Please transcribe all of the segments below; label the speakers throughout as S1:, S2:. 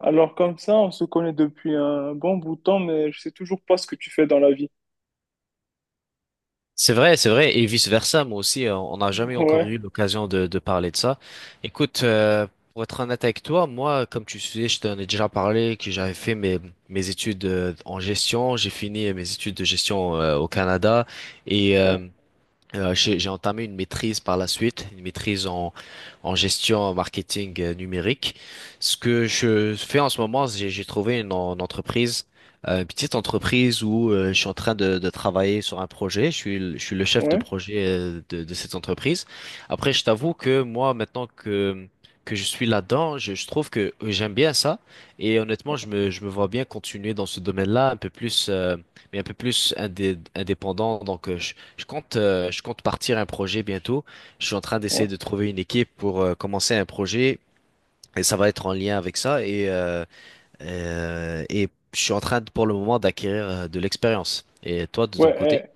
S1: Alors comme ça, on se connaît depuis un bon bout de temps, mais je sais toujours pas ce que tu fais dans la vie.
S2: C'est vrai, et vice-versa, moi aussi, on n'a jamais encore
S1: Ouais,
S2: eu l'occasion de parler de ça. Écoute, pour être honnête avec toi, moi, comme tu sais, je t'en ai déjà parlé, que j'avais fait mes études en gestion, j'ai fini mes études de gestion au Canada, et euh,
S1: ouais,
S2: euh, j'ai entamé une maîtrise par la suite, une maîtrise en gestion marketing numérique. Ce que je fais en ce moment, j'ai trouvé une entreprise, une petite entreprise où je suis en train de travailler sur un projet. Je suis le chef de
S1: ouais,
S2: projet de cette entreprise. Après, je t'avoue que moi, maintenant que je suis là-dedans, je trouve que j'aime bien ça. Et honnêtement, je me vois bien continuer dans ce domaine-là, un peu plus, mais un peu plus indépendant. Donc, je compte partir un projet bientôt. Je suis en train d'essayer
S1: ouais.
S2: de trouver une équipe pour commencer un projet et ça va être en lien avec ça. Et je suis en train pour le moment d'acquérir de l'expérience. Et toi, de ton côté?
S1: Ouais,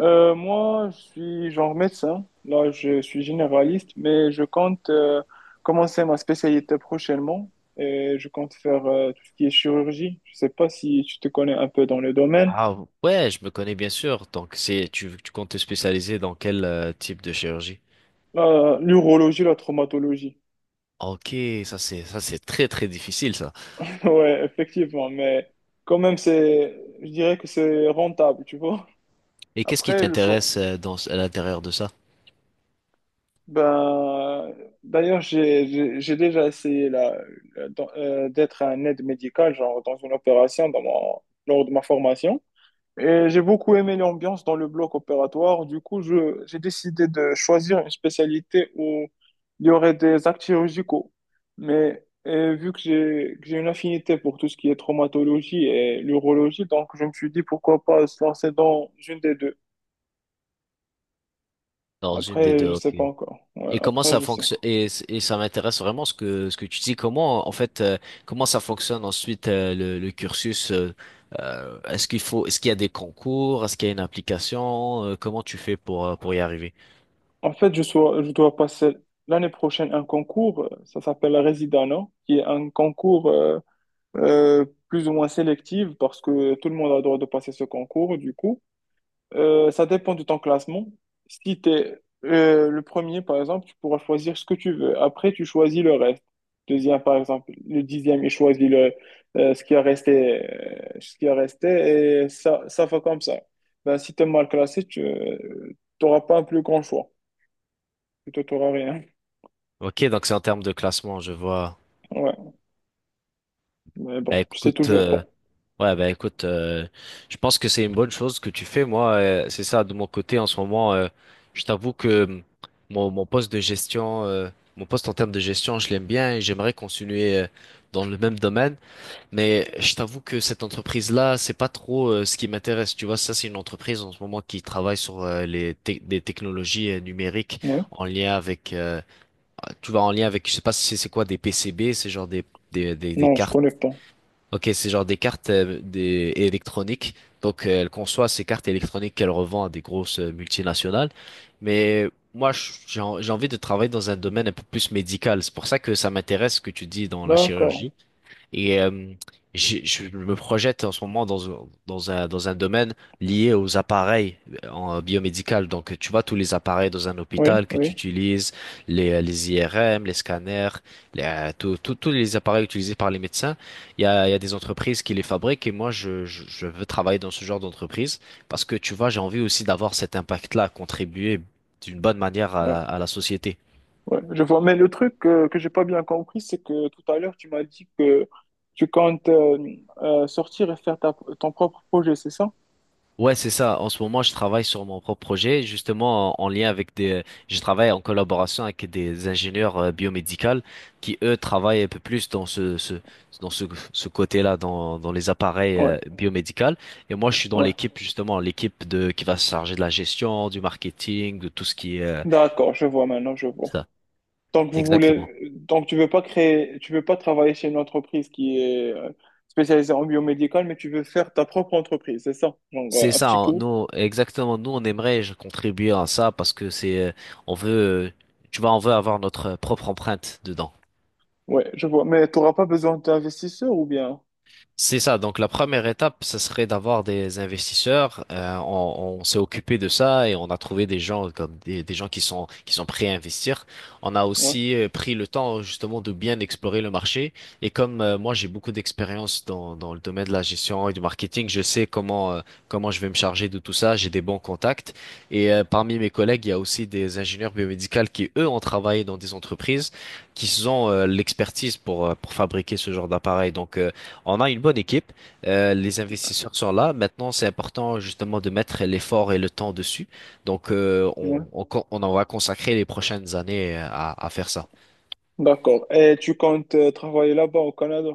S1: eh, euh, moi, je suis genre médecin. Là, je suis généraliste, mais je compte commencer ma spécialité prochainement et je compte faire tout ce qui est chirurgie. Je sais pas si tu te connais un peu dans le domaine.
S2: Ah ouais, je me connais bien sûr. Donc c'est, tu comptes te spécialiser dans quel type de chirurgie?
S1: La- L'urologie, la traumatologie.
S2: Ok, ça c'est très très difficile ça.
S1: Ouais, effectivement, mais quand même, c'est, je dirais que c'est rentable, tu vois.
S2: Et qu'est-ce qui
S1: Après, le choix.
S2: t'intéresse dans à l'intérieur de ça?
S1: Ben, d'ailleurs, j'ai déjà essayé d'être un aide médical, genre dans une opération, lors de ma formation. Et j'ai beaucoup aimé l'ambiance dans le bloc opératoire. Du coup, j'ai décidé de choisir une spécialité où il y aurait des actes chirurgicaux. Mais vu que j'ai une affinité pour tout ce qui est traumatologie et l'urologie, donc je me suis dit pourquoi pas se lancer dans une des deux.
S2: Dans une des
S1: Après,
S2: deux,
S1: je sais
S2: ok.
S1: pas encore. Ouais,
S2: Et comment
S1: après,
S2: ça
S1: je sais.
S2: fonctionne et ça m'intéresse vraiment ce que tu dis. Comment en fait comment ça fonctionne ensuite le cursus est-ce qu'il y a des concours, est-ce qu'il y a une application, comment tu fais pour y arriver?
S1: En fait, je dois passer l'année prochaine un concours, ça s'appelle la Residana, qui est un concours plus ou moins sélectif parce que tout le monde a le droit de passer ce concours, du coup. Ça dépend de ton classement. Si tu es le premier, par exemple, tu pourras choisir ce que tu veux. Après, tu choisis le reste. Deuxième, par exemple, le dixième, il choisit ce qui a resté, et ça va comme ça. Ben, si tu es mal classé, tu n'auras pas un plus grand choix plutôt torarien.
S2: Ok, donc c'est en termes de classement, je vois.
S1: Ouais, mais bon, je sais
S2: Écoute,
S1: toujours pas.
S2: ouais, bah écoute, je pense que c'est une bonne chose que tu fais. Moi, c'est ça, de mon côté, en ce moment, je t'avoue que mon poste de gestion, mon poste en termes de gestion, je l'aime bien et j'aimerais continuer dans le même domaine. Mais je t'avoue que cette entreprise-là, c'est pas trop ce qui m'intéresse. Tu vois, ça, c'est une entreprise en ce moment qui travaille sur des technologies numériques
S1: Oui.
S2: en lien avec, tu vois, en lien avec, je sais pas si c'est quoi, des PCB, c'est genre des
S1: Non, je
S2: cartes.
S1: connais pas.
S2: Ok, c'est genre des cartes électroniques. Donc, elle conçoit ces cartes électroniques qu'elle revend à des grosses multinationales. Mais moi, j'ai j'ai envie de travailler dans un domaine un peu plus médical. C'est pour ça que ça m'intéresse ce que tu dis dans la
S1: D'accord.
S2: chirurgie. Et je me projette en ce moment dans un domaine lié aux appareils en biomédical. Donc, tu vois, tous les appareils dans un
S1: Oui,
S2: hôpital que
S1: oui,
S2: tu utilises, les IRM, les scanners, tous les appareils utilisés par les médecins, il y a des entreprises qui les fabriquent et moi, je veux travailler dans ce genre d'entreprise parce que, tu vois, j'ai envie aussi d'avoir cet impact-là, contribuer d'une bonne manière
S1: ouais,
S2: à la société.
S1: ouais. Je vois. Mais le truc que j'ai pas bien compris, c'est que tout à l'heure, tu m'as dit que tu comptes sortir et faire ton propre projet, c'est ça?
S2: Ouais, c'est ça. En ce moment, je travaille sur mon propre projet, justement en lien avec des. Je travaille en collaboration avec des ingénieurs biomédicaux qui, eux, travaillent un peu plus dans dans ce, ce côté-là, dans les appareils
S1: Ouais,
S2: biomédicaux. Et moi, je suis dans
S1: ouais.
S2: l'équipe justement, l'équipe de qui va se charger de la gestion, du marketing, de tout ce qui est
S1: D'accord, je vois maintenant, je vois.
S2: ça.
S1: Donc vous
S2: Exactement.
S1: voulez, donc tu veux pas créer, tu veux pas travailler chez une entreprise qui est spécialisée en biomédical, mais tu veux faire ta propre entreprise, c'est ça? Genre
S2: C'est
S1: un
S2: ça.
S1: petit
S2: Hein.
S1: coup.
S2: Nous, exactement. Nous, on aimerait je, contribuer à ça parce que c'est, on veut, euh, tu vois, on veut avoir notre propre empreinte dedans.
S1: Ouais, je vois. Mais tu n'auras pas besoin d'investisseurs ou bien?
S2: C'est ça. Donc la première étape, ce serait d'avoir des investisseurs. On s'est occupé de ça et on a trouvé des gens comme des gens qui sont prêts à investir. On a
S1: Ouais,
S2: aussi pris le temps justement de bien explorer le marché. Et comme moi j'ai beaucoup d'expérience dans le domaine de la gestion et du marketing, je sais comment comment je vais me charger de tout ça. J'ai des bons contacts. Et parmi mes collègues, il y a aussi des ingénieurs biomédicaux qui eux ont travaillé dans des entreprises qui ont l'expertise pour fabriquer ce genre d'appareil. Donc on a une bonne équipe, les investisseurs sont là. Maintenant, c'est important justement de mettre l'effort et le temps dessus. Donc,
S1: ouais.
S2: on en va consacrer les prochaines années à faire ça.
S1: D'accord. Et tu comptes travailler là-bas au Canada?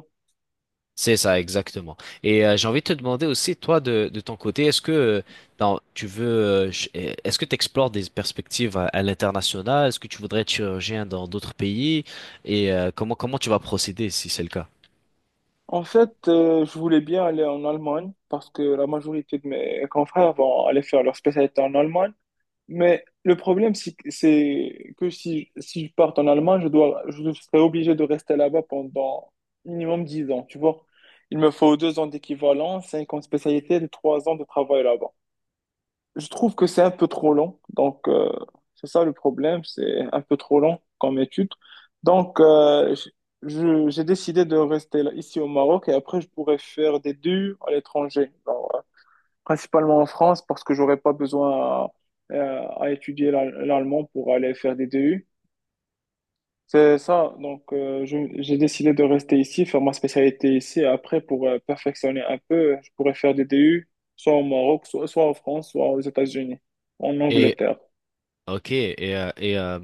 S2: C'est ça, exactement. Et j'ai envie de te demander aussi, toi, de ton côté, est-ce que est-ce que tu explores des perspectives à l'international? Est-ce que tu voudrais être chirurgien dans d'autres pays? Et comment tu vas procéder si c'est le cas?
S1: En fait, je voulais bien aller en Allemagne parce que la majorité de mes confrères vont aller faire leur spécialité en Allemagne. Mais le problème, c'est que si, si je parte en Allemagne, je serai obligé de rester là-bas pendant minimum 10 ans, tu vois. Il me faut 2 ans d'équivalent, 5 ans de spécialité, et 3 ans de travail là-bas. Je trouve que c'est un peu trop long. Donc, c'est ça le problème, c'est un peu trop long comme étude. Donc, j'ai décidé de rester là, ici au Maroc et après, je pourrais faire des deux à l'étranger principalement en France parce que j'aurais pas besoin à étudier l'allemand pour aller faire des DU. C'est ça, donc j'ai décidé de rester ici, faire ma spécialité ici. Et après, pour perfectionner un peu, je pourrais faire des DU soit au Maroc, soit en France, soit aux États-Unis, en
S2: Et
S1: Angleterre.
S2: ok, et euh, et, euh,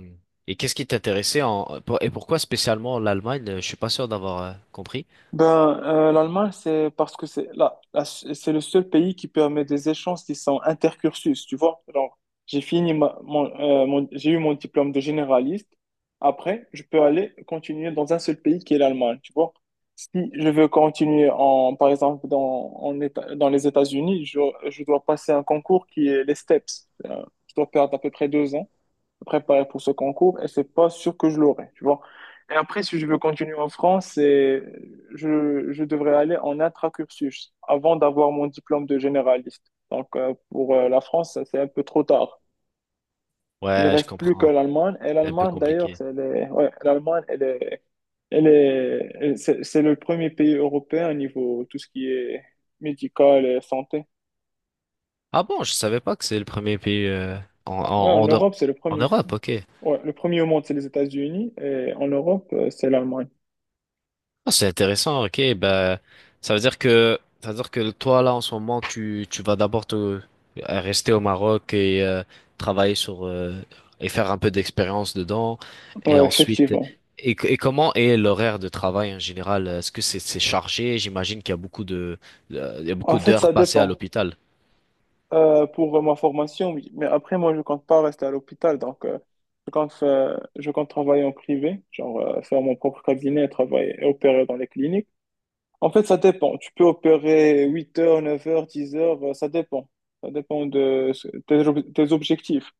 S2: et qu'est-ce qui t'intéressait en pour- et pourquoi spécialement l'Allemagne? Je suis pas sûr d'avoir compris.
S1: Ben, l'Allemagne, c'est parce que c'est là, c'est le seul pays qui permet des échanges qui sont intercursus, tu vois. Genre, j'ai fini ma- mon, mon- j'ai eu mon diplôme de généraliste. Après, je peux aller continuer dans un seul pays qui est l'Allemagne, tu vois. Si je veux continuer en, par exemple, dans, en Éta- dans les États-Unis, je dois passer un concours qui est les STEPS. Je dois perdre à peu près 2 ans préparer pour ce concours et c'est pas sûr que je l'aurai, tu vois. Et après, si je veux continuer en France, je devrais aller en intracursus avant d'avoir mon diplôme de généraliste. Donc, pour la France, ça, c'est un peu trop tard. Il ne
S2: Ouais, je
S1: reste plus que
S2: comprends.
S1: l'Allemagne. Et
S2: C'est un peu
S1: l'Allemagne, d'ailleurs,
S2: compliqué.
S1: ouais, l'Allemagne, elle est, elle est, elle- c'est le premier pays européen au niveau tout ce qui est médical et santé.
S2: Ah bon, je savais pas que c'est le premier pays en
S1: Ouais, en
S2: en en, Eu-
S1: Europe, c'est le
S2: en
S1: premier.
S2: Europe. Ok.
S1: Ouais, le premier au monde, c'est les États-Unis. Et en Europe, c'est l'Allemagne.
S2: Ah, c'est intéressant, ok. Ben, ça veut dire que, ça veut dire que toi, là, en ce moment, tu vas d'abord rester au Maroc et travailler sur, et faire un peu d'expérience dedans. Et
S1: Ouais,
S2: ensuite,
S1: effectivement.
S2: et comment est l'horaire de travail en général? Est-ce que c'est chargé? J'imagine qu'il y a beaucoup de, il y a
S1: En
S2: beaucoup
S1: fait,
S2: d'heures
S1: ça
S2: passées à
S1: dépend.
S2: l'hôpital.
S1: Pour ma formation, oui. Mais après, moi, je compte pas rester à l'hôpital. Donc, je compte travailler en privé, genre faire mon propre cabinet, travailler et opérer dans les cliniques. En fait, ça dépend. Tu peux opérer 8 heures, 9 heures, 10 heures, ça dépend. Ça dépend de tes objectifs.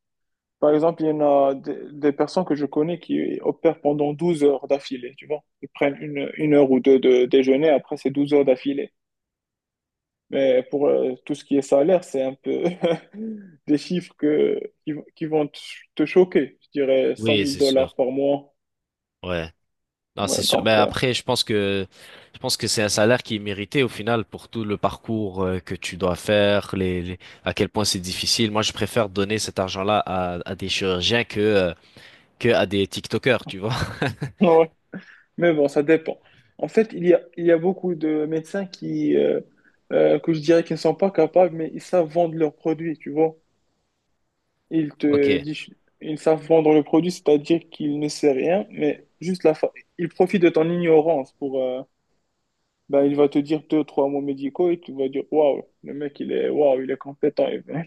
S1: Par exemple, il y en a des personnes que je connais qui opèrent pendant 12 heures d'affilée, tu vois. Ils prennent une heure ou deux de déjeuner, après c'est 12 heures d'affilée. Mais pour tout ce qui est salaire, c'est un peu des chiffres qui vont te choquer. Je dirais cent
S2: Oui,
S1: mille
S2: c'est sûr.
S1: dollars par mois.
S2: Ouais. Non, c'est
S1: Ouais,
S2: sûr.
S1: donc,
S2: Ben après, je pense que c'est un salaire qui est mérité au final pour tout le parcours que tu dois faire, à quel point c'est difficile. Moi, je préfère donner cet argent-là à des chirurgiens que à des TikTokers, tu vois.
S1: ouais. Mais bon, ça dépend. En fait, il y a beaucoup de médecins que je dirais qu'ils ne sont pas capables, mais ils savent vendre leurs produits, tu vois. Ils te
S2: Ok.
S1: disent, ils savent vendre le produit, c'est-à-dire qu'ils ne sait rien, mais juste la fa... ils profitent de ton ignorance pour, ben, il va te dire deux, trois mots médicaux et tu vas dire, waouh, le mec, il est, waouh, il est compétent. Et ben,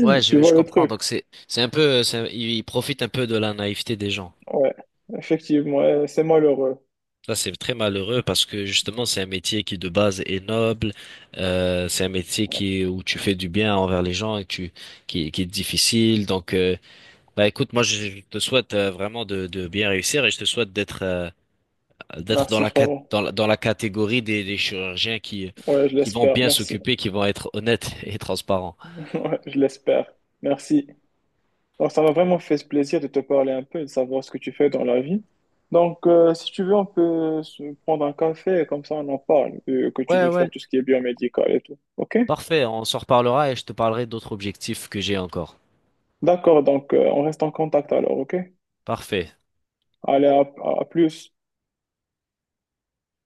S2: Ouais,
S1: tu vois
S2: je
S1: le
S2: comprends.
S1: truc?
S2: Donc c'est ils profitent un peu de la naïveté des gens.
S1: Ouais, effectivement, ouais, c'est malheureux.
S2: Ça, c'est très malheureux parce que justement, c'est un métier qui de base est noble. C'est un métier
S1: Ouais.
S2: qui où tu fais du bien envers les gens et tu qui est difficile. Donc bah écoute, moi je te souhaite vraiment de bien réussir et je te souhaite d'être d'être dans
S1: Merci,
S2: la, cat-
S1: frérot.
S2: dans la catégorie des chirurgiens
S1: Ouais, je
S2: qui vont
S1: l'espère.
S2: bien
S1: Merci.
S2: s'occuper, qui vont être honnêtes et transparents.
S1: Ouais, je l'espère. Merci. Donc, ça m'a vraiment fait ce plaisir de te parler un peu et de savoir ce que tu fais dans la vie. Donc, si tu veux, on peut se prendre un café et comme ça on en parle, que tu
S2: Ouais,
S1: veux faire
S2: ouais.
S1: tout ce qui est biomédical et tout. OK?
S2: Parfait, on s'en reparlera et je te parlerai d'autres objectifs que j'ai encore.
S1: D'accord, donc on reste en contact alors, OK?
S2: Parfait.
S1: Allez, à plus.